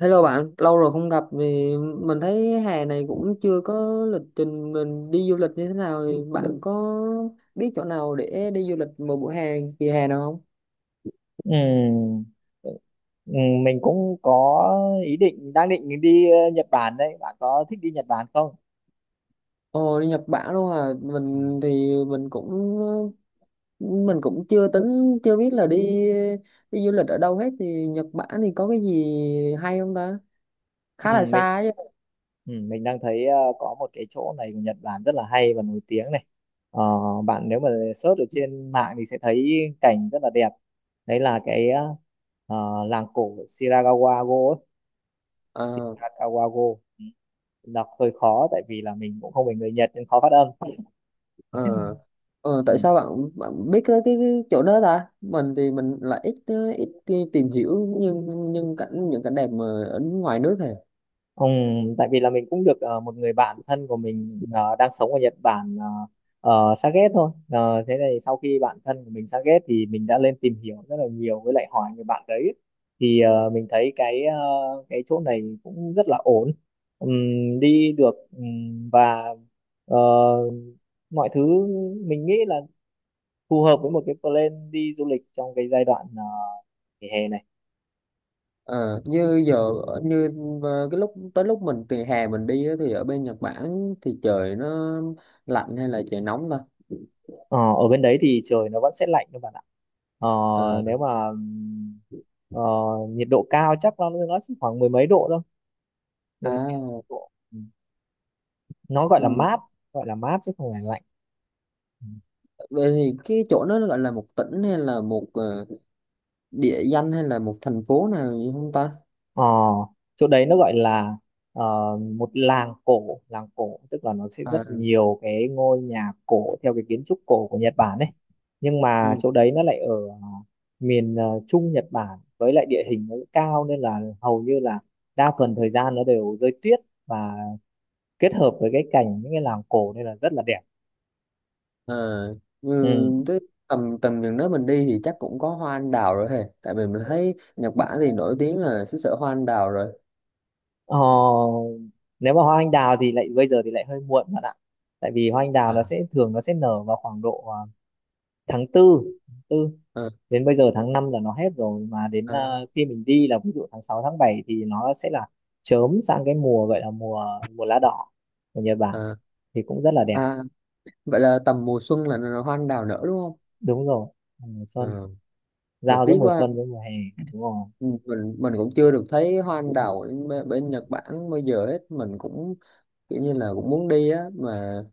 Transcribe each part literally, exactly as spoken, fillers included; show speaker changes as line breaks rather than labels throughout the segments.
Hello bạn, lâu rồi không gặp thì mình thấy hè này cũng chưa có lịch trình mình đi du lịch như thế nào thì bạn có biết chỗ nào để đi du lịch một buổi hè kỳ hè nào không?
Ừm, ừm, Mình cũng có ý định đang định đi ờ, Nhật Bản đấy. Bạn có thích đi Nhật Bản không?
Ồ, đi Nhật Bản luôn à,
Ừm,
mình thì mình cũng mình cũng chưa tính chưa biết là đi đi du lịch ở đâu hết thì Nhật Bản thì có cái gì hay không ta? Khá là
ừm, Mình
xa chứ.
ừm, mình đang thấy ờ, có một cái chỗ này của Nhật Bản rất là hay và nổi tiếng này. Ờ, Bạn nếu mà search ở trên mạng thì sẽ thấy cảnh rất là đẹp. Đấy là cái ờ, ờ, làng cổ Shirakawa-go ấy.
Ờ
Shirakawa-go. Ừm, Đọc hơi khó tại vì là mình cũng không phải người Nhật nên khó phát âm.
Ờ, ờ, Tại
Ừm.
sao bạn bạn biết cái, cái, cái chỗ đó ta? Mình thì mình lại ít ờ, ít đi tìm hiểu nhưng nhưng cảnh những cảnh đẹp mà ở ngoài nước này.
Ừm, tại vì là mình cũng được ờ, một người bạn thân của mình ờ, đang sống ở Nhật Bản ờ, uh, xa ghét thôi. Ờ, thế này sau khi bạn thân của mình xa ghét thì mình đã lên tìm hiểu rất là nhiều với lại hỏi người bạn đấy thì ờ, mình thấy cái ờ, cái chỗ này cũng rất là ổn. Ừm, đi được, ừm, và ờ, mọi thứ mình nghĩ là phù hợp với một cái plan đi du lịch trong cái giai đoạn ờ, nghỉ hè này.
Ờ, Như giờ ở- như ờ, cái lúc tới lúc mình từ hè mình đi á, thì ở bên Nhật Bản thì trời nó lạnh hay là trời nóng ta?
Ờ, ở bên đấy thì trời nó vẫn sẽ lạnh các bạn ạ. Ờ,
Ờ,
nếu mà ừm, ờ, nhiệt độ cao chắc nó nó chỉ khoảng mười mấy độ thôi. Mười mấy
à,
độ. Ừ. Nó gọi là
ừ.
mát, gọi là mát chứ không phải lạnh. Ừ.
Vậy thì cái chỗ đó gọi là một tỉnh hay là một ờ, địa danh hay là một thành phố nào gì không ta?
Ờ, chỗ đấy nó gọi là ờ, một làng cổ, làng cổ tức là nó sẽ rất
À,
nhiều cái ngôi nhà cổ theo cái kiến trúc cổ của Nhật Bản ấy. Nhưng mà
ừ.
chỗ đấy nó lại ở ờ, miền ờ, Trung Nhật Bản, với lại địa hình nó cao nên là hầu như là đa phần thời gian nó đều rơi tuyết, và kết hợp với cái cảnh những cái làng cổ nên là rất là đẹp.
Ờ, ừ,
Ừ.
Thế tầm tầm chừng đó mình đi thì chắc cũng có hoa anh đào rồi hề, tại vì mình thấy Nhật Bản thì nổi tiếng là xứ sở hoa anh đào rồi.
Ờ, nếu mà hoa anh đào thì lại bây giờ thì lại hơi muộn bạn ạ. Tại vì hoa anh đào nó
À,
sẽ thường nó sẽ nở vào khoảng độ ờ, tháng tư, tư
à,
đến bây giờ tháng năm là nó hết rồi, mà đến
à,
ờ, khi mình đi là ví dụ tháng sáu tháng bảy thì nó sẽ là chớm sang cái mùa gọi là mùa mùa lá đỏ của Nhật Bản
à,
thì cũng rất là đẹp.
à. Vậy là tầm mùa xuân là là hoa anh đào nở đúng không?
Đúng rồi, mùa xuân
Ờ, mà
giao giữa
tiếc
mùa
quá,
xuân với mùa hè. Đúng rồi.
mình mình cũng chưa được thấy hoa anh đào ở bên, bên Nhật Bản bây giờ hết, mình cũng kiểu như là cũng muốn đi á mà.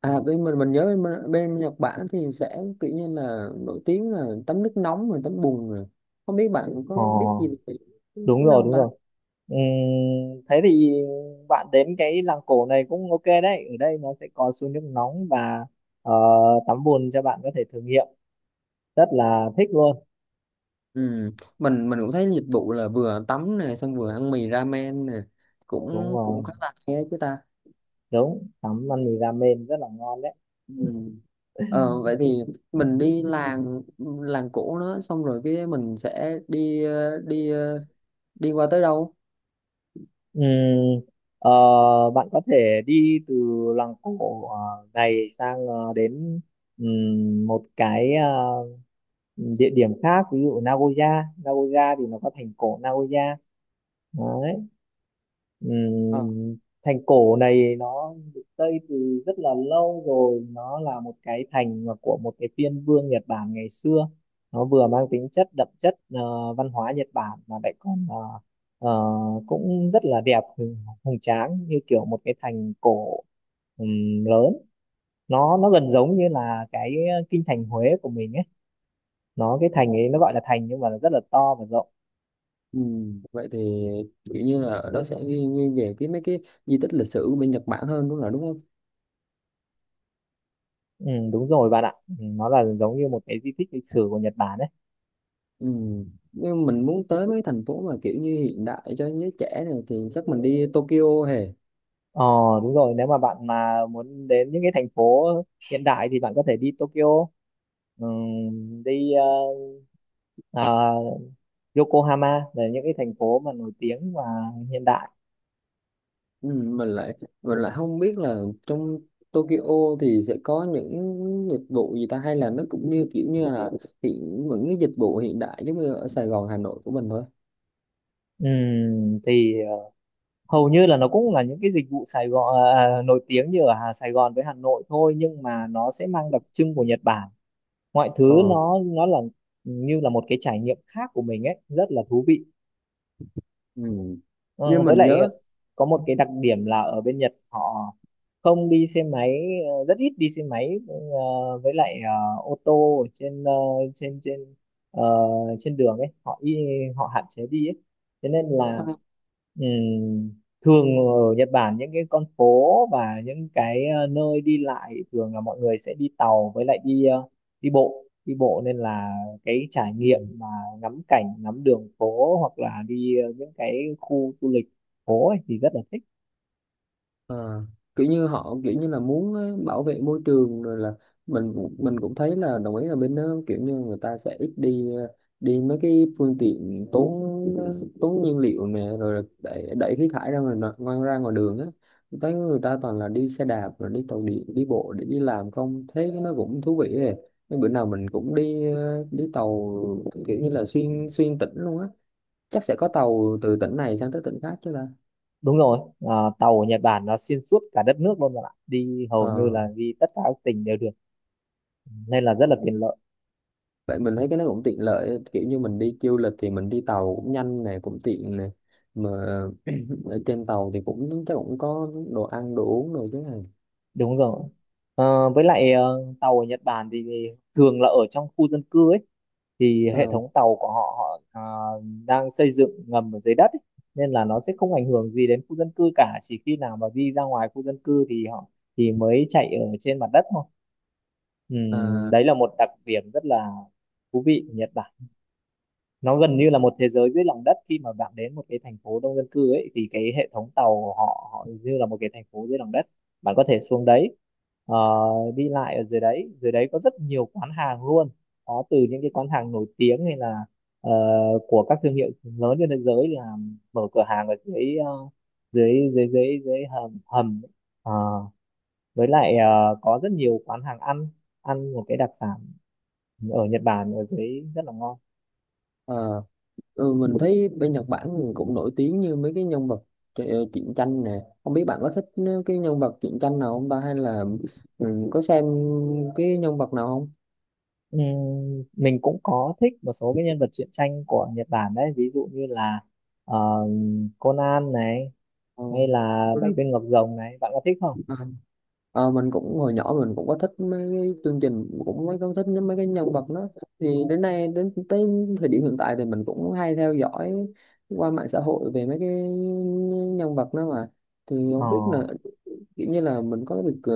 À, bên mình mình nhớ bên, bên Nhật Bản thì sẽ kiểu như là nổi tiếng là tắm nước nóng rồi tắm bùn rồi, không biết bạn
ờ,
có biết gì về cái
Đúng
cái đó
rồi,
không
đúng
ta?
rồi. Ừm, thế thì bạn đến cái làng cổ này cũng ok đấy, ở đây nó sẽ có suối nước nóng và ờ, tắm bùn cho bạn có thể thử nghiệm rất là thích luôn.
Ừ. mình mình cũng thấy dịch vụ là vừa tắm nè, xong vừa ăn mì ramen nè,
Đúng
cũng cũng
rồi,
khá là hay á chứ ta?
đúng, tắm ăn mì ramen rất là ngon đấy.
Ừ. Ờ, vậy thì mình đi làng làng cổ nó xong rồi cái mình sẽ đi ờ, đi ờ, đi qua tới đâu?
Ừm, ờ, Bạn có thể đi từ làng cổ ờ, này sang ờ, đến ừm, một cái ờ, địa điểm khác, ví dụ Nagoya. Nagoya thì nó có thành cổ Nagoya đấy.
Ờ.
Ừm, Thành cổ này nó được xây từ rất là lâu rồi, nó là một cái thành mà của một cái phiên vương Nhật Bản ngày xưa. Nó vừa mang tính chất đậm chất ờ, văn hóa Nhật Bản mà lại còn ờ, ờ, cũng rất là đẹp, hùng, hùng tráng như kiểu một cái thành cổ ừm, lớn. Nó nó gần giống như là cái ờ, kinh thành Huế của mình ấy. Nó cái thành ấy nó gọi là thành nhưng mà nó rất là to và rộng.
Ừ. Vậy thì kiểu như là ở đó sẽ ghi, ghi về cái mấy cái di tích lịch sử của bên Nhật Bản hơn đúng, là đúng không?
Ừ, đúng rồi bạn ạ. Ừ, nó là giống như một cái di tích lịch sử của Nhật Bản ấy.
Ừ. Nhưng mình muốn tới mấy thành phố mà kiểu như hiện đại cho giới trẻ này thì chắc mình đi Tokyo hề.
Ờ đúng rồi, nếu mà bạn mà muốn đến những cái thành phố hiện đại thì bạn có thể đi Tokyo, ừm, đi ờ, à, Yokohama là những cái thành phố mà nổi tiếng và hiện đại.
Ừ. Mình lại mình lại không biết là trong Tokyo thì sẽ có những dịch vụ gì ta, hay là nó cũng như kiểu như là hiện những cái dịch vụ hiện đại giống như ở Sài Gòn Hà Nội của mình thôi.
Ừm, thì ờ, Hầu như là nó cũng là những cái dịch vụ Sài Gòn ờ, à, nổi tiếng như ở Hà- Sài Gòn với Hà Nội thôi, nhưng mà nó sẽ mang đặc trưng của Nhật Bản. Mọi
Ờ.
thứ nó nó là như là một cái trải nghiệm khác của mình ấy, rất là thú vị.
Ừ.
Ờ,
Nhưng
với
mình
lại
nhớ
có một cái đặc điểm là ở bên Nhật họ không đi xe máy, ờ, rất ít đi xe máy, ờ, với lại ờ, ô tô ở trên ờ, trên trên ờ, trên đường ấy, họ y, họ hạn chế đi ấy. Thế nên là ừm, thường ở Nhật Bản những cái con phố và những cái ờ, nơi đi lại thường là mọi người sẽ đi tàu với lại đi ờ, đi bộ, đi bộ, nên là cái trải
à.
nghiệm mà ngắm cảnh ngắm đường phố hoặc là đi ờ, những cái khu du lịch phố ấy, thì rất là thích.
À, kiểu như họ, kiểu như là muốn ờ, bảo vệ môi trường rồi là mình cũng- mình cũng thấy là đồng ý là bên đó kiểu như người ta sẽ ít đi ờ, đi mấy cái phương tiện tốn ờ, tốn nhiên liệu nè rồi là đẩy, đẩy khí thải ra ngoài nọ- ngoài ra ngoài đường á. Tôi thấy người ta toàn là đi xe đạp rồi đi tàu điện đi bộ để đi làm không, thế nó cũng thú vị ấy. Nhưng bữa nào mình cũng đi ờ, đi tàu kiểu như là xuyên xuyên tỉnh luôn á, chắc sẽ có tàu từ tỉnh này sang tới tỉnh khác chứ ta?
Đúng rồi, ờ, tàu ở Nhật Bản nó xuyên suốt cả đất nước luôn bạn ạ, đi hầu như
Ờ.
là đi tất cả các tỉnh đều được nên là rất là tiện lợi.
Vậy mình thấy cái nó cũng tiện lợi, kiểu như mình đi du lịch thì mình đi tàu cũng nhanh này cũng tiện này, mà ở trên tàu thì cũng chắc cũng có đồ ăn đồ uống rồi chứ này?
Đúng rồi. Ờ, với lại ờ, tàu ở Nhật Bản thì thường là ở trong khu dân cư ấy, thì hệ
À,
thống tàu của họ họ ờ, đang xây dựng ngầm ở dưới đất ấy. Nên là nó sẽ không ảnh hưởng gì đến khu dân cư cả, chỉ khi nào mà đi ra ngoài khu dân cư thì họ thì mới chạy ở trên mặt đất thôi. Ừm,
à,
đấy là một đặc điểm rất là thú vị của Nhật Bản. Nó gần như là một thế giới dưới lòng đất, khi mà bạn đến một cái thành phố đông dân cư ấy thì cái hệ thống tàu của họ họ như là một cái thành phố dưới lòng đất. Bạn có thể xuống đấy ờ, đi lại ở dưới đấy, dưới đấy có rất nhiều quán hàng luôn, có từ những cái quán hàng nổi tiếng hay là ờ, của các thương hiệu lớn trên thế giới là mở cửa hàng ở dưới ờ, dưới dưới dưới dưới hầm hầm ấy. Ờ, với lại ờ, có rất nhiều quán hàng ăn, ăn một cái đặc sản ở Nhật Bản ở dưới rất là ngon.
à, ừ, mình thấy bên Nhật Bản thì cũng nổi tiếng như mấy cái nhân vật tr- truyện tranh nè, không biết bạn có thích cái nhân vật truyện tranh nào không ta, hay là ừ, có xem cái nhân vật nào không?
Ừm, mình cũng có thích một số cái nhân vật truyện tranh của Nhật Bản đấy, ví dụ như là ờ, Conan này, hay là Bảy
Tôi
Viên Ngọc Rồng này, bạn có thích không?
Ờ, mình cũng hồi nhỏ mình cũng có thích mấy cái chương trình, cũng mấy có thích mấy cái nhân vật đó, thì đến nay đến tới thời điểm hiện tại thì mình cũng hay theo dõi qua mạng xã hội về mấy cái nhân vật đó mà, thì
Ờ,
không biết là kiểu như là mình có được ờ,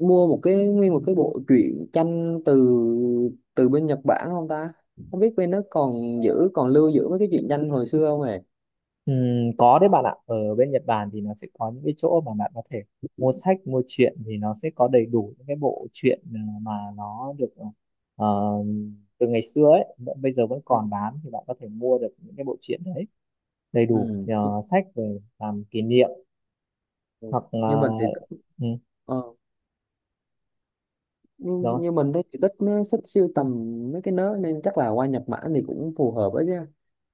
mua một cái nguyên một cái bộ truyện tranh từ từ bên Nhật Bản không ta, không biết bên nó còn giữ còn lưu giữ mấy cái truyện tranh hồi xưa không hề?
ừm, có đấy bạn ạ, ở bên Nhật Bản thì nó sẽ có những cái chỗ mà bạn có thể mua sách mua truyện, thì nó sẽ có đầy đủ những cái bộ truyện ờ, mà nó được ờ, từ ngày xưa ấy vẫn- bây giờ vẫn còn bán, thì bạn có thể mua được những cái bộ truyện đấy đầy đủ
Ừ.
ờ, sách về làm kỷ niệm hoặc
Nhưng
là
mình thì
ừ,
ờ, Ừ,
rồi.
nhưng như mình thấy thì thích, nó thích siêu tầm mấy cái nớ nên chắc là qua Nhật Bản thì cũng phù hợp ấy chứ.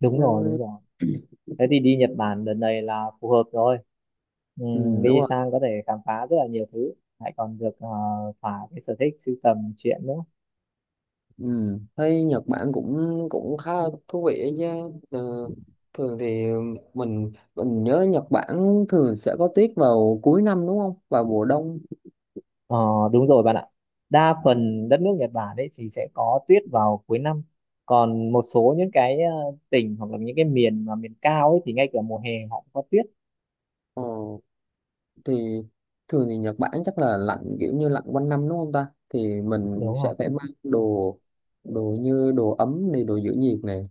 Đúng rồi, đúng
Ừ,
rồi, thế thì đi Nhật Bản đợt này là phù hợp rồi.
ừ,
Ừm,
đúng
đi
rồi.
sang có thể khám phá rất là nhiều thứ, lại còn được ờ, thỏa cái sở thích sưu tầm truyện nữa.
Ừ. Thấy Nhật Bản cũng cũng khá là thú vị ấy chứ. Ờ, Thường thì mình mình nhớ Nhật Bản thường sẽ có tuyết vào cuối năm đúng không, vào mùa đông?
Ờ, đúng rồi bạn ạ, đa
Ừ.
phần đất nước Nhật Bản ấy thì sẽ có tuyết vào cuối năm, còn một số những cái ờ, tỉnh hoặc là những cái miền mà miền cao ấy thì ngay cả mùa hè họ cũng có tuyết.
ờ, thì thường thì Nhật Bản chắc là lạnh, kiểu như lạnh quanh năm đúng không ta, thì mình
Đúng không?
sẽ phải mang đồ đồ như đồ ấm này, đồ giữ nhiệt này.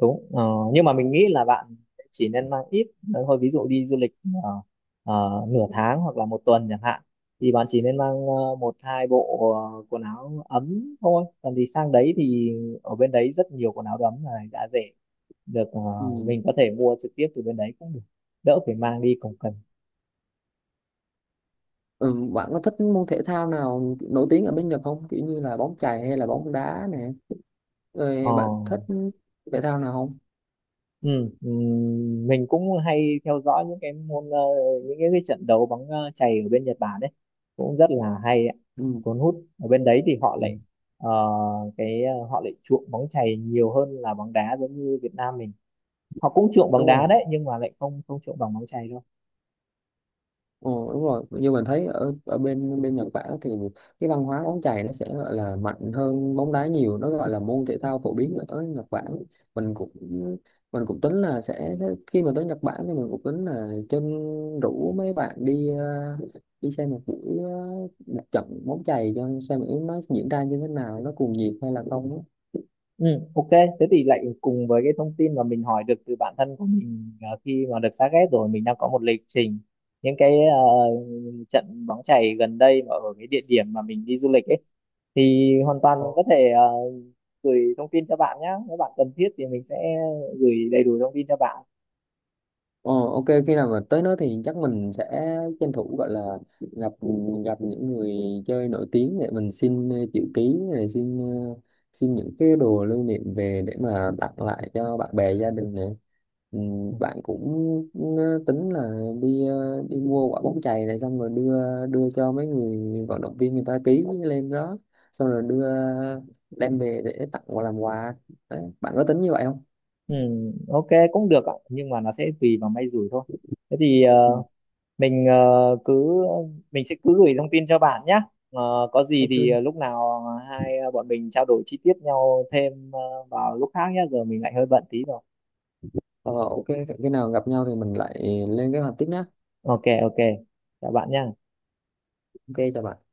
Đúng. Ờ, nhưng mà mình nghĩ là bạn chỉ nên mang ít ờ, thôi, ví dụ đi du lịch ờ, ờ, nửa tháng hoặc là một tuần chẳng hạn, thì bạn chỉ nên mang ờ, một hai bộ ờ, quần áo ấm thôi, còn thì sang đấy thì ở bên đấy rất nhiều quần áo ấm này, đã rẻ được ờ,
Ừ.
mình có thể mua trực tiếp từ bên đấy cũng được, đỡ phải mang đi cồng kềnh.
Ừ, bạn có thích môn thể thao nào nổi tiếng ở bên Nhật không? Kiểu như là bóng chày hay là bóng đá nè.
Ờ,
Rồi bạn thích thể thao nào không?
Ừ, ừ, mình cũng hay theo dõi những cái môn ờ, những cái, cái trận đấu bóng ờ, chày ở bên Nhật Bản đấy, cũng rất là hay ạ.
Ừ,
Cuốn hút, ở bên đấy thì họ
ừ.
lại ờ, cái ờ, họ lại chuộng bóng chày nhiều hơn là bóng đá. Giống như Việt Nam mình họ cũng chuộng bóng đá
đúng
đấy, nhưng mà lại không không chuộng bằng bóng chày đâu.
Ờ, đúng rồi, như mình thấy ở ở bên bên Nhật Bản thì cái văn hóa bóng chày nó sẽ gọi là mạnh hơn bóng đá nhiều, nó gọi là môn thể thao phổ biến ở Nhật Bản, mình cũng mình cũng tính là sẽ khi mà tới Nhật Bản thì mình cũng tính là chân rủ mấy bạn đi ờ, đi xem một buổi ờ, một trận bóng chày cho xem nó diễn ra như thế nào, nó cuồng nhiệt hay là không.
Ừ, ok thế thì lại cùng với cái thông tin mà mình hỏi được từ bản thân của mình ờ, khi mà được xác ghét rồi, mình đang có một lịch trình những cái ờ, trận bóng chày gần đây mà ở cái địa điểm mà mình đi du lịch ấy, thì hoàn toàn
Á.
mình có thể ờ, gửi thông tin cho bạn nhé. Nếu bạn cần thiết thì mình sẽ gửi đầy đủ thông tin cho bạn.
Ờ, ok, khi nào mà tới đó thì chắc mình sẽ tranh thủ, gọi là gặp gặp những người chơi nổi tiếng để mình xin ờ, chữ ký này, xin ờ, xin những cái đồ lưu niệm về để mà tặng lại cho bạn bè gia đình này, ừ,
Ừ,
bạn cũng ờ, tính là đi ờ, đi mua quả bóng chày này xong rồi đưa đưa cho mấy người vận động viên, người ta ký lên đó, xong rồi đưa đem về để tặng và làm quà. Đấy, bạn có tính như vậy không?
Ừ, ok, cũng được ạ, nhưng mà nó sẽ tùy vào may rủi thôi. Thế thì
Ừ.
ờ, mình ờ, cứ mình sẽ cứ gửi thông tin cho bạn nhé. Ờ, có gì thì
Ok.
ờ, lúc nào hai ờ, bọn mình trao đổi chi tiết nhau thêm ờ, vào lúc khác nhé, giờ mình lại hơi bận tí rồi.
Ờ, ok, khi nào gặp nhau thì mình lại lên kế hoạch tiếp nhé.
Ok ok, chào bạn nhé.
Ok, chào bạn.